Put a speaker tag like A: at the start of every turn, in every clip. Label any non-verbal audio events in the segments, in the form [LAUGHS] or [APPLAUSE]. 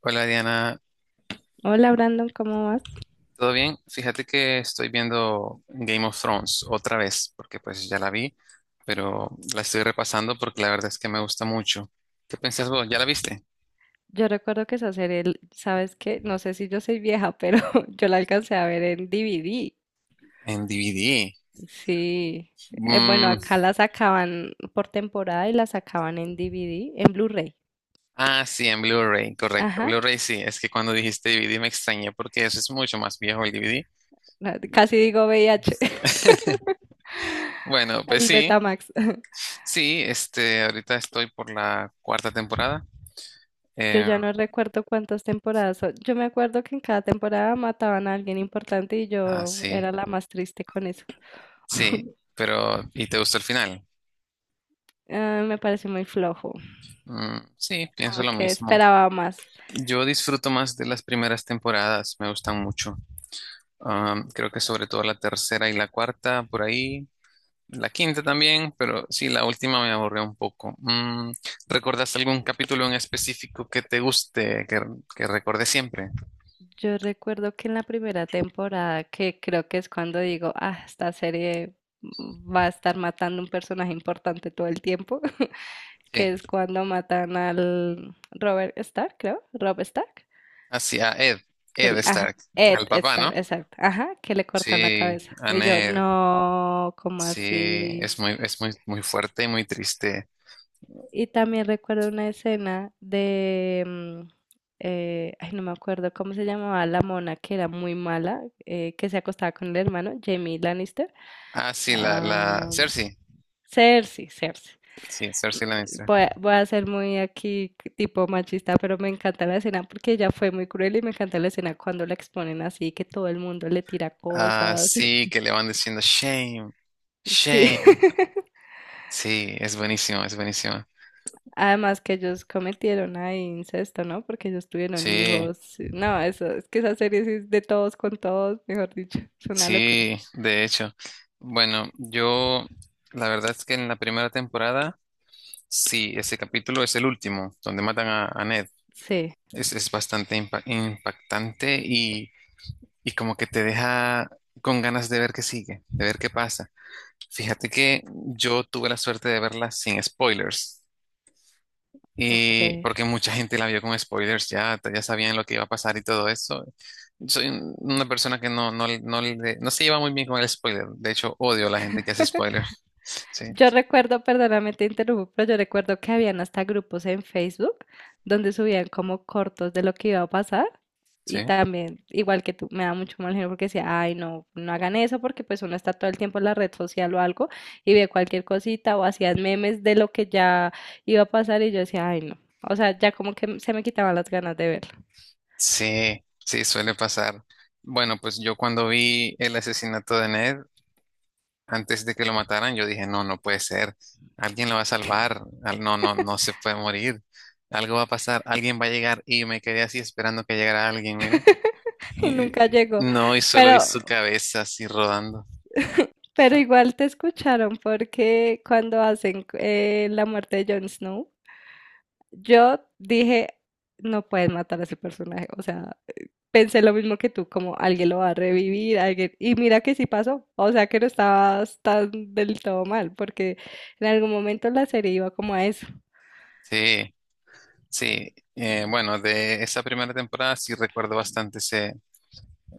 A: Hola Diana,
B: Hola Brandon, ¿cómo vas?
A: ¿todo bien? Fíjate que estoy viendo Game of Thrones otra vez, porque pues ya la vi, pero la estoy repasando porque la verdad es que me gusta mucho. ¿Qué pensás vos? ¿Ya la viste?
B: Yo recuerdo que esa serie, ¿sabes qué? No sé si yo soy vieja, pero [LAUGHS] yo la alcancé a ver en DVD.
A: En DVD.
B: Sí. Bueno,
A: Mm,
B: acá la sacaban por temporada y la sacaban en DVD, en Blu-ray.
A: ah, sí, en Blu-ray, correcto.
B: Ajá.
A: Blu-ray sí, es que cuando dijiste DVD me extrañé porque eso es mucho más viejo el DVD.
B: Casi digo VIH.
A: [LAUGHS]
B: [LAUGHS]
A: Bueno, pues
B: El
A: sí,
B: Betamax. [LAUGHS]
A: sí, ahorita estoy por la cuarta temporada.
B: Yo
A: Eh,
B: ya no recuerdo cuántas temporadas son. Yo me acuerdo que en cada temporada mataban a alguien importante y
A: ah,
B: yo
A: sí,
B: era la más triste con eso. [LAUGHS]
A: sí, pero ¿y te gustó el final?
B: Ah, me parece muy flojo.
A: Mm, sí, pienso
B: Como
A: lo
B: que
A: mismo.
B: esperaba más.
A: Yo disfruto más de las primeras temporadas, me gustan mucho. Creo que sobre todo la tercera y la cuarta, por ahí. La quinta también, pero sí, la última me aburrió un poco. Mm, ¿recordas algún capítulo en específico que te guste, que recuerde siempre?
B: Yo recuerdo que en la primera temporada, que creo que es cuando digo, ah, esta serie va a estar matando un personaje importante todo el tiempo, [LAUGHS] que
A: Sí,
B: es cuando matan al Robert Stark, creo, Rob Stark,
A: hacia Ed,
B: que,
A: Ed
B: ajá,
A: Stark,
B: Ed
A: al papá,
B: Stark,
A: ¿no?
B: exacto, ajá, que le cortan la
A: Sí,
B: cabeza.
A: a
B: Y yo,
A: Ned.
B: no, como
A: Sí,
B: así?
A: es muy, muy fuerte y muy triste.
B: Y también recuerdo una escena de, ay, no me acuerdo cómo se llamaba la mona que era muy mala, que se acostaba con el hermano, Jamie Lannister.
A: Ah, sí, la
B: Ah,
A: Cersei.
B: Cersei, Cersei.
A: Sí,
B: M-
A: Cersei la.
B: Voy a ser muy aquí tipo machista, pero me encanta la escena porque ella fue muy cruel y me encanta la escena cuando la exponen así, que todo el mundo le tira
A: Ah,
B: cosas.
A: sí,
B: [LAUGHS]
A: que le van diciendo shame,
B: Sí.
A: shame.
B: [LAUGHS]
A: Sí, es buenísimo.
B: Además que ellos cometieron ahí incesto, ¿no? Porque ellos tuvieron
A: Sí,
B: hijos. No, eso, es que esa serie sí es de todos con todos, mejor dicho, es una locura.
A: sí, de hecho. Bueno, yo, la verdad es que en la primera temporada, sí, ese capítulo es el último, donde matan a Ned.
B: Sí,
A: Es bastante impactante y como que te deja con ganas de ver qué sigue, de ver qué pasa. Fíjate que yo tuve la suerte de verla sin spoilers.
B: ok.
A: Y porque mucha gente la vio con spoilers, ya sabían lo que iba a pasar y todo eso. Una persona que no se lleva muy bien con el spoiler. De hecho, odio a la gente que hace spoilers. [LAUGHS] Sí,
B: Yo recuerdo, perdóname, te interrumpo, pero yo recuerdo que habían hasta grupos en Facebook donde subían como cortos de lo que iba a pasar y
A: sí,
B: también, igual que tú, me da mucho mal genio porque decía, ay, no, no hagan eso porque pues uno está todo el tiempo en la red social o algo y ve cualquier cosita o hacían memes de lo que ya iba a pasar y yo decía, ay, no. O sea, ya como que se me quitaban las ganas de verlo
A: sí, sí, suele pasar. Bueno, pues yo cuando vi el asesinato de Ned, antes de que lo mataran, yo dije, no, no puede ser. Alguien lo va a salvar. No, no se puede morir. Algo va a pasar. Alguien va a llegar. Y me quedé así esperando que llegara alguien, mira.
B: [LAUGHS] y nunca llegó.
A: No, y solo vi su
B: Pero
A: cabeza así rodando.
B: [LAUGHS] pero igual te escucharon porque cuando hacen la muerte de Jon Snow, yo dije, no pueden matar a ese personaje. O sea, pensé lo mismo que tú, como alguien lo va a revivir, alguien... Y mira que sí pasó. O sea, que no estabas tan del todo mal, porque en algún momento la serie iba como a eso,
A: Sí, sí. Bueno, de esa primera temporada sí recuerdo bastante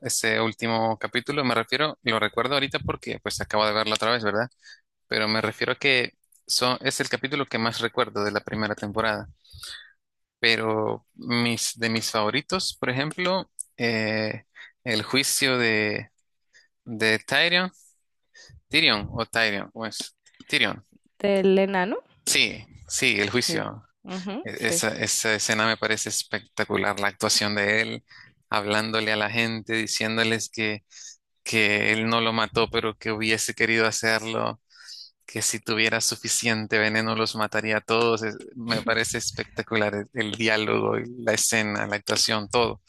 A: ese último capítulo. Me refiero, lo recuerdo ahorita porque pues acabo de verlo otra vez, ¿verdad? Pero me refiero a que son, es el capítulo que más recuerdo de la primera temporada. Pero de mis favoritos, por ejemplo, eh, el juicio de Tyrion, Tyrion o Tyrion, pues Tyrion.
B: del enano.
A: Sí, sí, el
B: Sí.
A: juicio.
B: Ujú, sí.
A: Esa escena me parece espectacular, la actuación de él hablándole a la gente, diciéndoles que él no lo mató, pero que hubiese querido hacerlo, que si tuviera suficiente veneno los mataría a todos. Me parece espectacular el diálogo, la escena, la actuación, todo.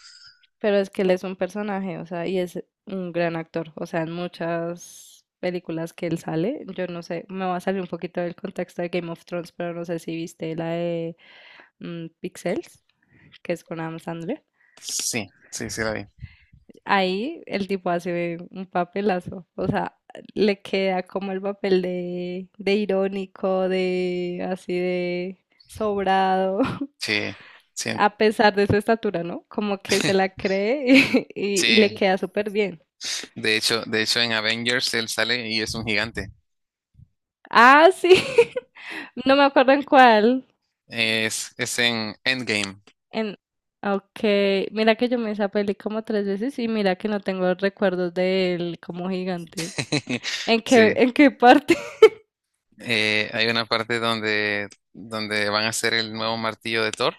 B: Pero es que él es un personaje, o sea, y es un gran actor. O sea, en muchas películas que él sale, yo no sé, me va a salir un poquito del contexto de Game of Thrones, pero no sé si viste la de Pixels, que es con Adam Sandler.
A: Sí, sí, sí la vi.
B: Ahí el tipo hace un papelazo, o sea, le queda como el papel de irónico, de así de sobrado. [LAUGHS]
A: Sí, sí,
B: A pesar de su estatura, ¿no? Como que se la cree [LAUGHS] y le
A: sí.
B: queda súper bien.
A: De hecho en Avengers él sale y es un gigante.
B: Ah, sí. [LAUGHS] No me acuerdo en cuál.
A: Es en Endgame.
B: En... Ok. Mira que yo me esa peli como tres veces y mira que no tengo recuerdos de él como gigante.
A: [LAUGHS] Sí.
B: ¿En qué parte? [LAUGHS]
A: Eh, hay una parte donde van a hacer el nuevo martillo de Thor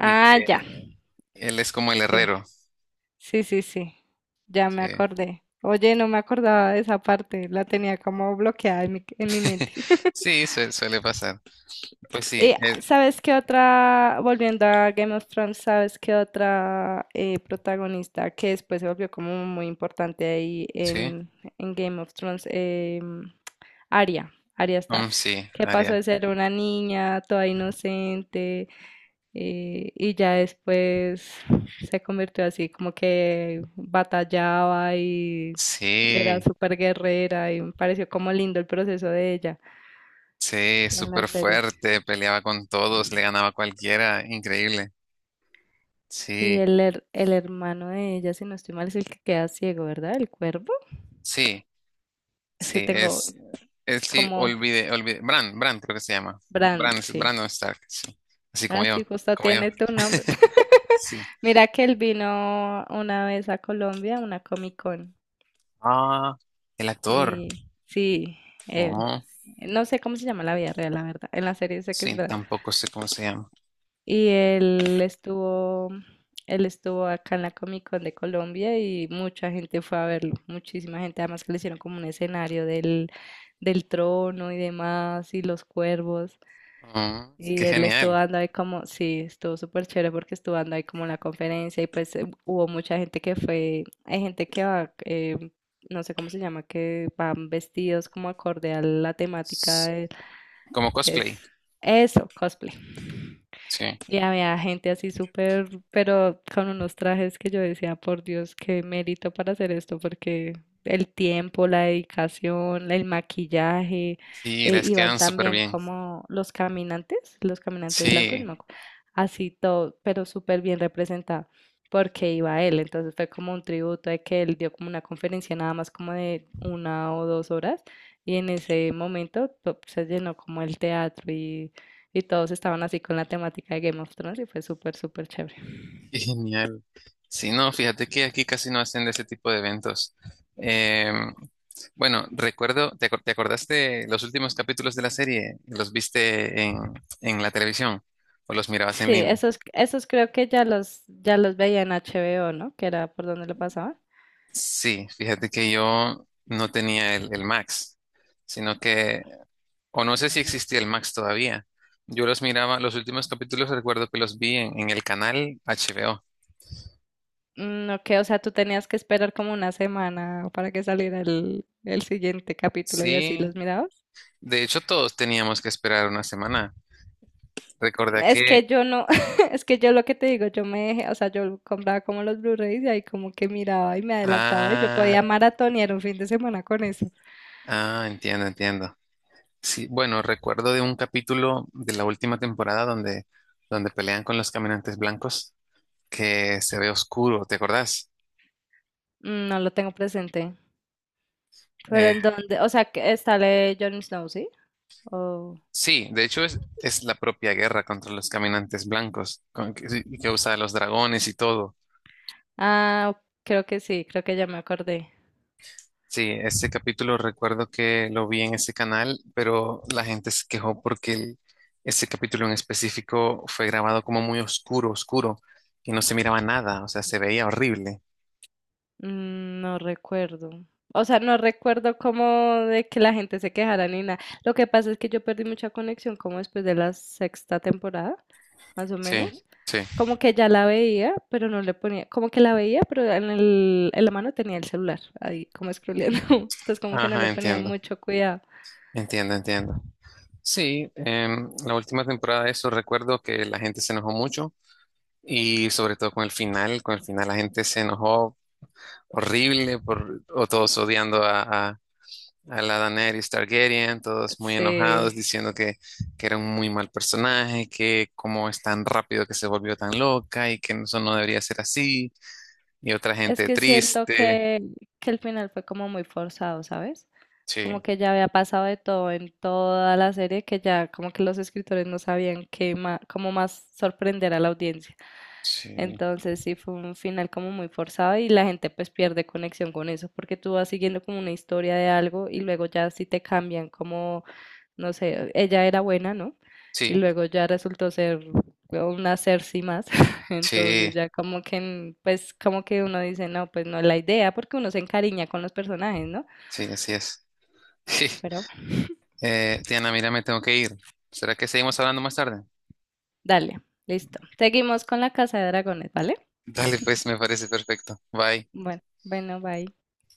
A: y
B: ya.
A: que él es como el
B: Sí.
A: herrero.
B: Sí. Ya me
A: Sí,
B: acordé. Oye, no me acordaba de esa parte. La tenía como bloqueada en mi
A: [LAUGHS]
B: mente.
A: Sí, suele pasar. Pues sí,
B: ¿Sabes qué otra, volviendo a Game of Thrones, ¿sabes qué otra protagonista que después se volvió como muy importante ahí
A: sí,
B: en Game of Thrones? Arya, Arya Stark,
A: mm, sí,
B: que pasó de
A: Arya.
B: ser una niña toda inocente y ya después se convirtió así como que batallaba y era
A: Sí,
B: súper guerrera y me pareció como lindo el proceso de ella
A: sí,
B: en la
A: súper
B: serie.
A: fuerte, peleaba con todos, le ganaba a cualquiera, increíble.
B: Y
A: Sí,
B: el hermano de ella, si no estoy mal, es el que queda ciego, ¿verdad? El cuervo.
A: sí,
B: Es que
A: sí,
B: tengo
A: es sí,
B: como
A: olvide, Bran creo que se llama.
B: Bran,
A: Bran,
B: sí.
A: Brandon Stark, sí, así
B: Ah,
A: como yo,
B: sí, justo
A: como yo.
B: tiene tu nombre.
A: [LAUGHS]
B: [LAUGHS]
A: Sí.
B: Mira que él vino una vez a Colombia, a una Comic Con.
A: Ah, el actor.
B: Y sí, él.
A: Oh,
B: No sé cómo se llama en la vida real, la verdad. En la serie sé que es
A: sí,
B: Bran.
A: tampoco sé cómo se llama.
B: Y él estuvo, él estuvo acá en la Comic Con de Colombia y mucha gente fue a verlo, muchísima gente, además que le hicieron como un escenario del, del trono y demás, y los cuervos.
A: Oh, qué
B: Y él estuvo
A: genial.
B: dando ahí como, sí, estuvo súper chévere porque estuvo dando ahí como la conferencia y pues hubo mucha gente que fue, hay gente que va, no sé cómo se llama, que van vestidos como acorde a la temática,
A: Como
B: es
A: cosplay.
B: eso, cosplay.
A: Sí,
B: Y había gente así súper, pero con unos trajes que yo decía, por Dios, qué mérito para hacer esto, porque el tiempo, la dedicación, el maquillaje,
A: sí, les Sí, quedan
B: iban
A: como súper
B: también
A: bien.
B: como los caminantes blancos, no,
A: Sí,
B: así todo, pero súper bien representado, porque iba él, entonces fue como un tributo de que él dio como una conferencia nada más como de una o dos horas, y en ese momento se llenó como el teatro y todos estaban así con la temática de Game of Thrones y fue súper, súper chévere.
A: qué genial. Sí, no, fíjate que aquí casi no hacen de ese tipo de eventos. Em, bueno, recuerdo, ¿ te acordaste los últimos capítulos de la serie? ¿Los viste en la televisión o los mirabas en
B: Sí,
A: línea?
B: esos, esos creo que ya los veía en HBO, ¿no? Que era por donde lo pasaba.
A: Sí, fíjate que yo no tenía el Max, sino que. O no sé si existía el Max todavía. Yo los miraba, los últimos capítulos recuerdo que los vi en el canal HBO.
B: Mm, ok, o sea, tú tenías que esperar como una semana para que saliera el siguiente capítulo y así
A: Sí,
B: los mirabas.
A: de hecho todos teníamos que esperar una semana. Recordé
B: Es
A: que...
B: que yo no, [LAUGHS] es que yo lo que te digo, yo me dejé, o sea, yo compraba como los Blu-rays y ahí como que miraba y me adelantaba y yo
A: Ah,
B: podía maratonear un fin de semana con eso.
A: ah, entiendo, entiendo. Sí, bueno, recuerdo de un capítulo de la última temporada donde pelean con los caminantes blancos que se ve oscuro, ¿te acordás?
B: Mm, no lo tengo presente. Pero
A: Eh,
B: en dónde, o sea, que está la de Jon Snow, ¿sí? Oh.
A: sí, de hecho es la propia guerra contra los caminantes blancos que usa los dragones y todo.
B: Ah, creo que sí, creo que ya me acordé.
A: Sí, ese capítulo recuerdo que lo vi en ese canal, pero la gente se quejó porque ese capítulo en específico fue grabado como muy oscuro, oscuro, y no se miraba nada, o sea, se veía horrible.
B: Mm, no recuerdo. O sea, no recuerdo cómo de que la gente se quejara ni nada. Lo que pasa es que yo perdí mucha conexión como después de la sexta temporada, más o
A: Sí,
B: menos.
A: sí.
B: Como que ya la veía, pero no le ponía, como que la veía, pero en el, en la mano tenía el celular ahí como scrolleando. [LAUGHS] Entonces como que no
A: Ajá,
B: le ponía
A: entiendo,
B: mucho cuidado.
A: entiendo, entiendo. Sí, em, la última temporada de eso recuerdo que la gente se enojó mucho y sobre todo con el final la gente se enojó horrible por, o todos odiando a la Daenerys Targaryen, todos muy
B: Sí.
A: enojados, diciendo que era un muy mal personaje, que cómo es tan rápido que se volvió tan loca y que eso no debería ser así, y otra
B: Es
A: gente
B: que siento
A: triste.
B: que el final fue como muy forzado, ¿sabes? Como
A: Sí,
B: que ya había pasado de todo en toda la serie, que ya como que los escritores no sabían qué cómo más sorprender a la audiencia.
A: sí,
B: Entonces sí fue un final como muy forzado y la gente pues pierde conexión con eso, porque tú vas siguiendo como una historia de algo y luego ya sí te cambian como, no sé, ella era buena, ¿no? Y
A: sí,
B: luego ya resultó ser una Cersei más. [LAUGHS]
A: sí,
B: Entonces ya como que, pues como que uno dice, no, pues no es la idea, porque uno se encariña con los personajes, ¿no?
A: sí, así es.
B: pero
A: [LAUGHS] Diana, mira, me tengo que ir. ¿Será que seguimos hablando más tarde?
B: Dale, listo. Seguimos con la casa de dragones, ¿vale?
A: Dale, pues, me parece perfecto. Bye.
B: Bueno, bueno, bye.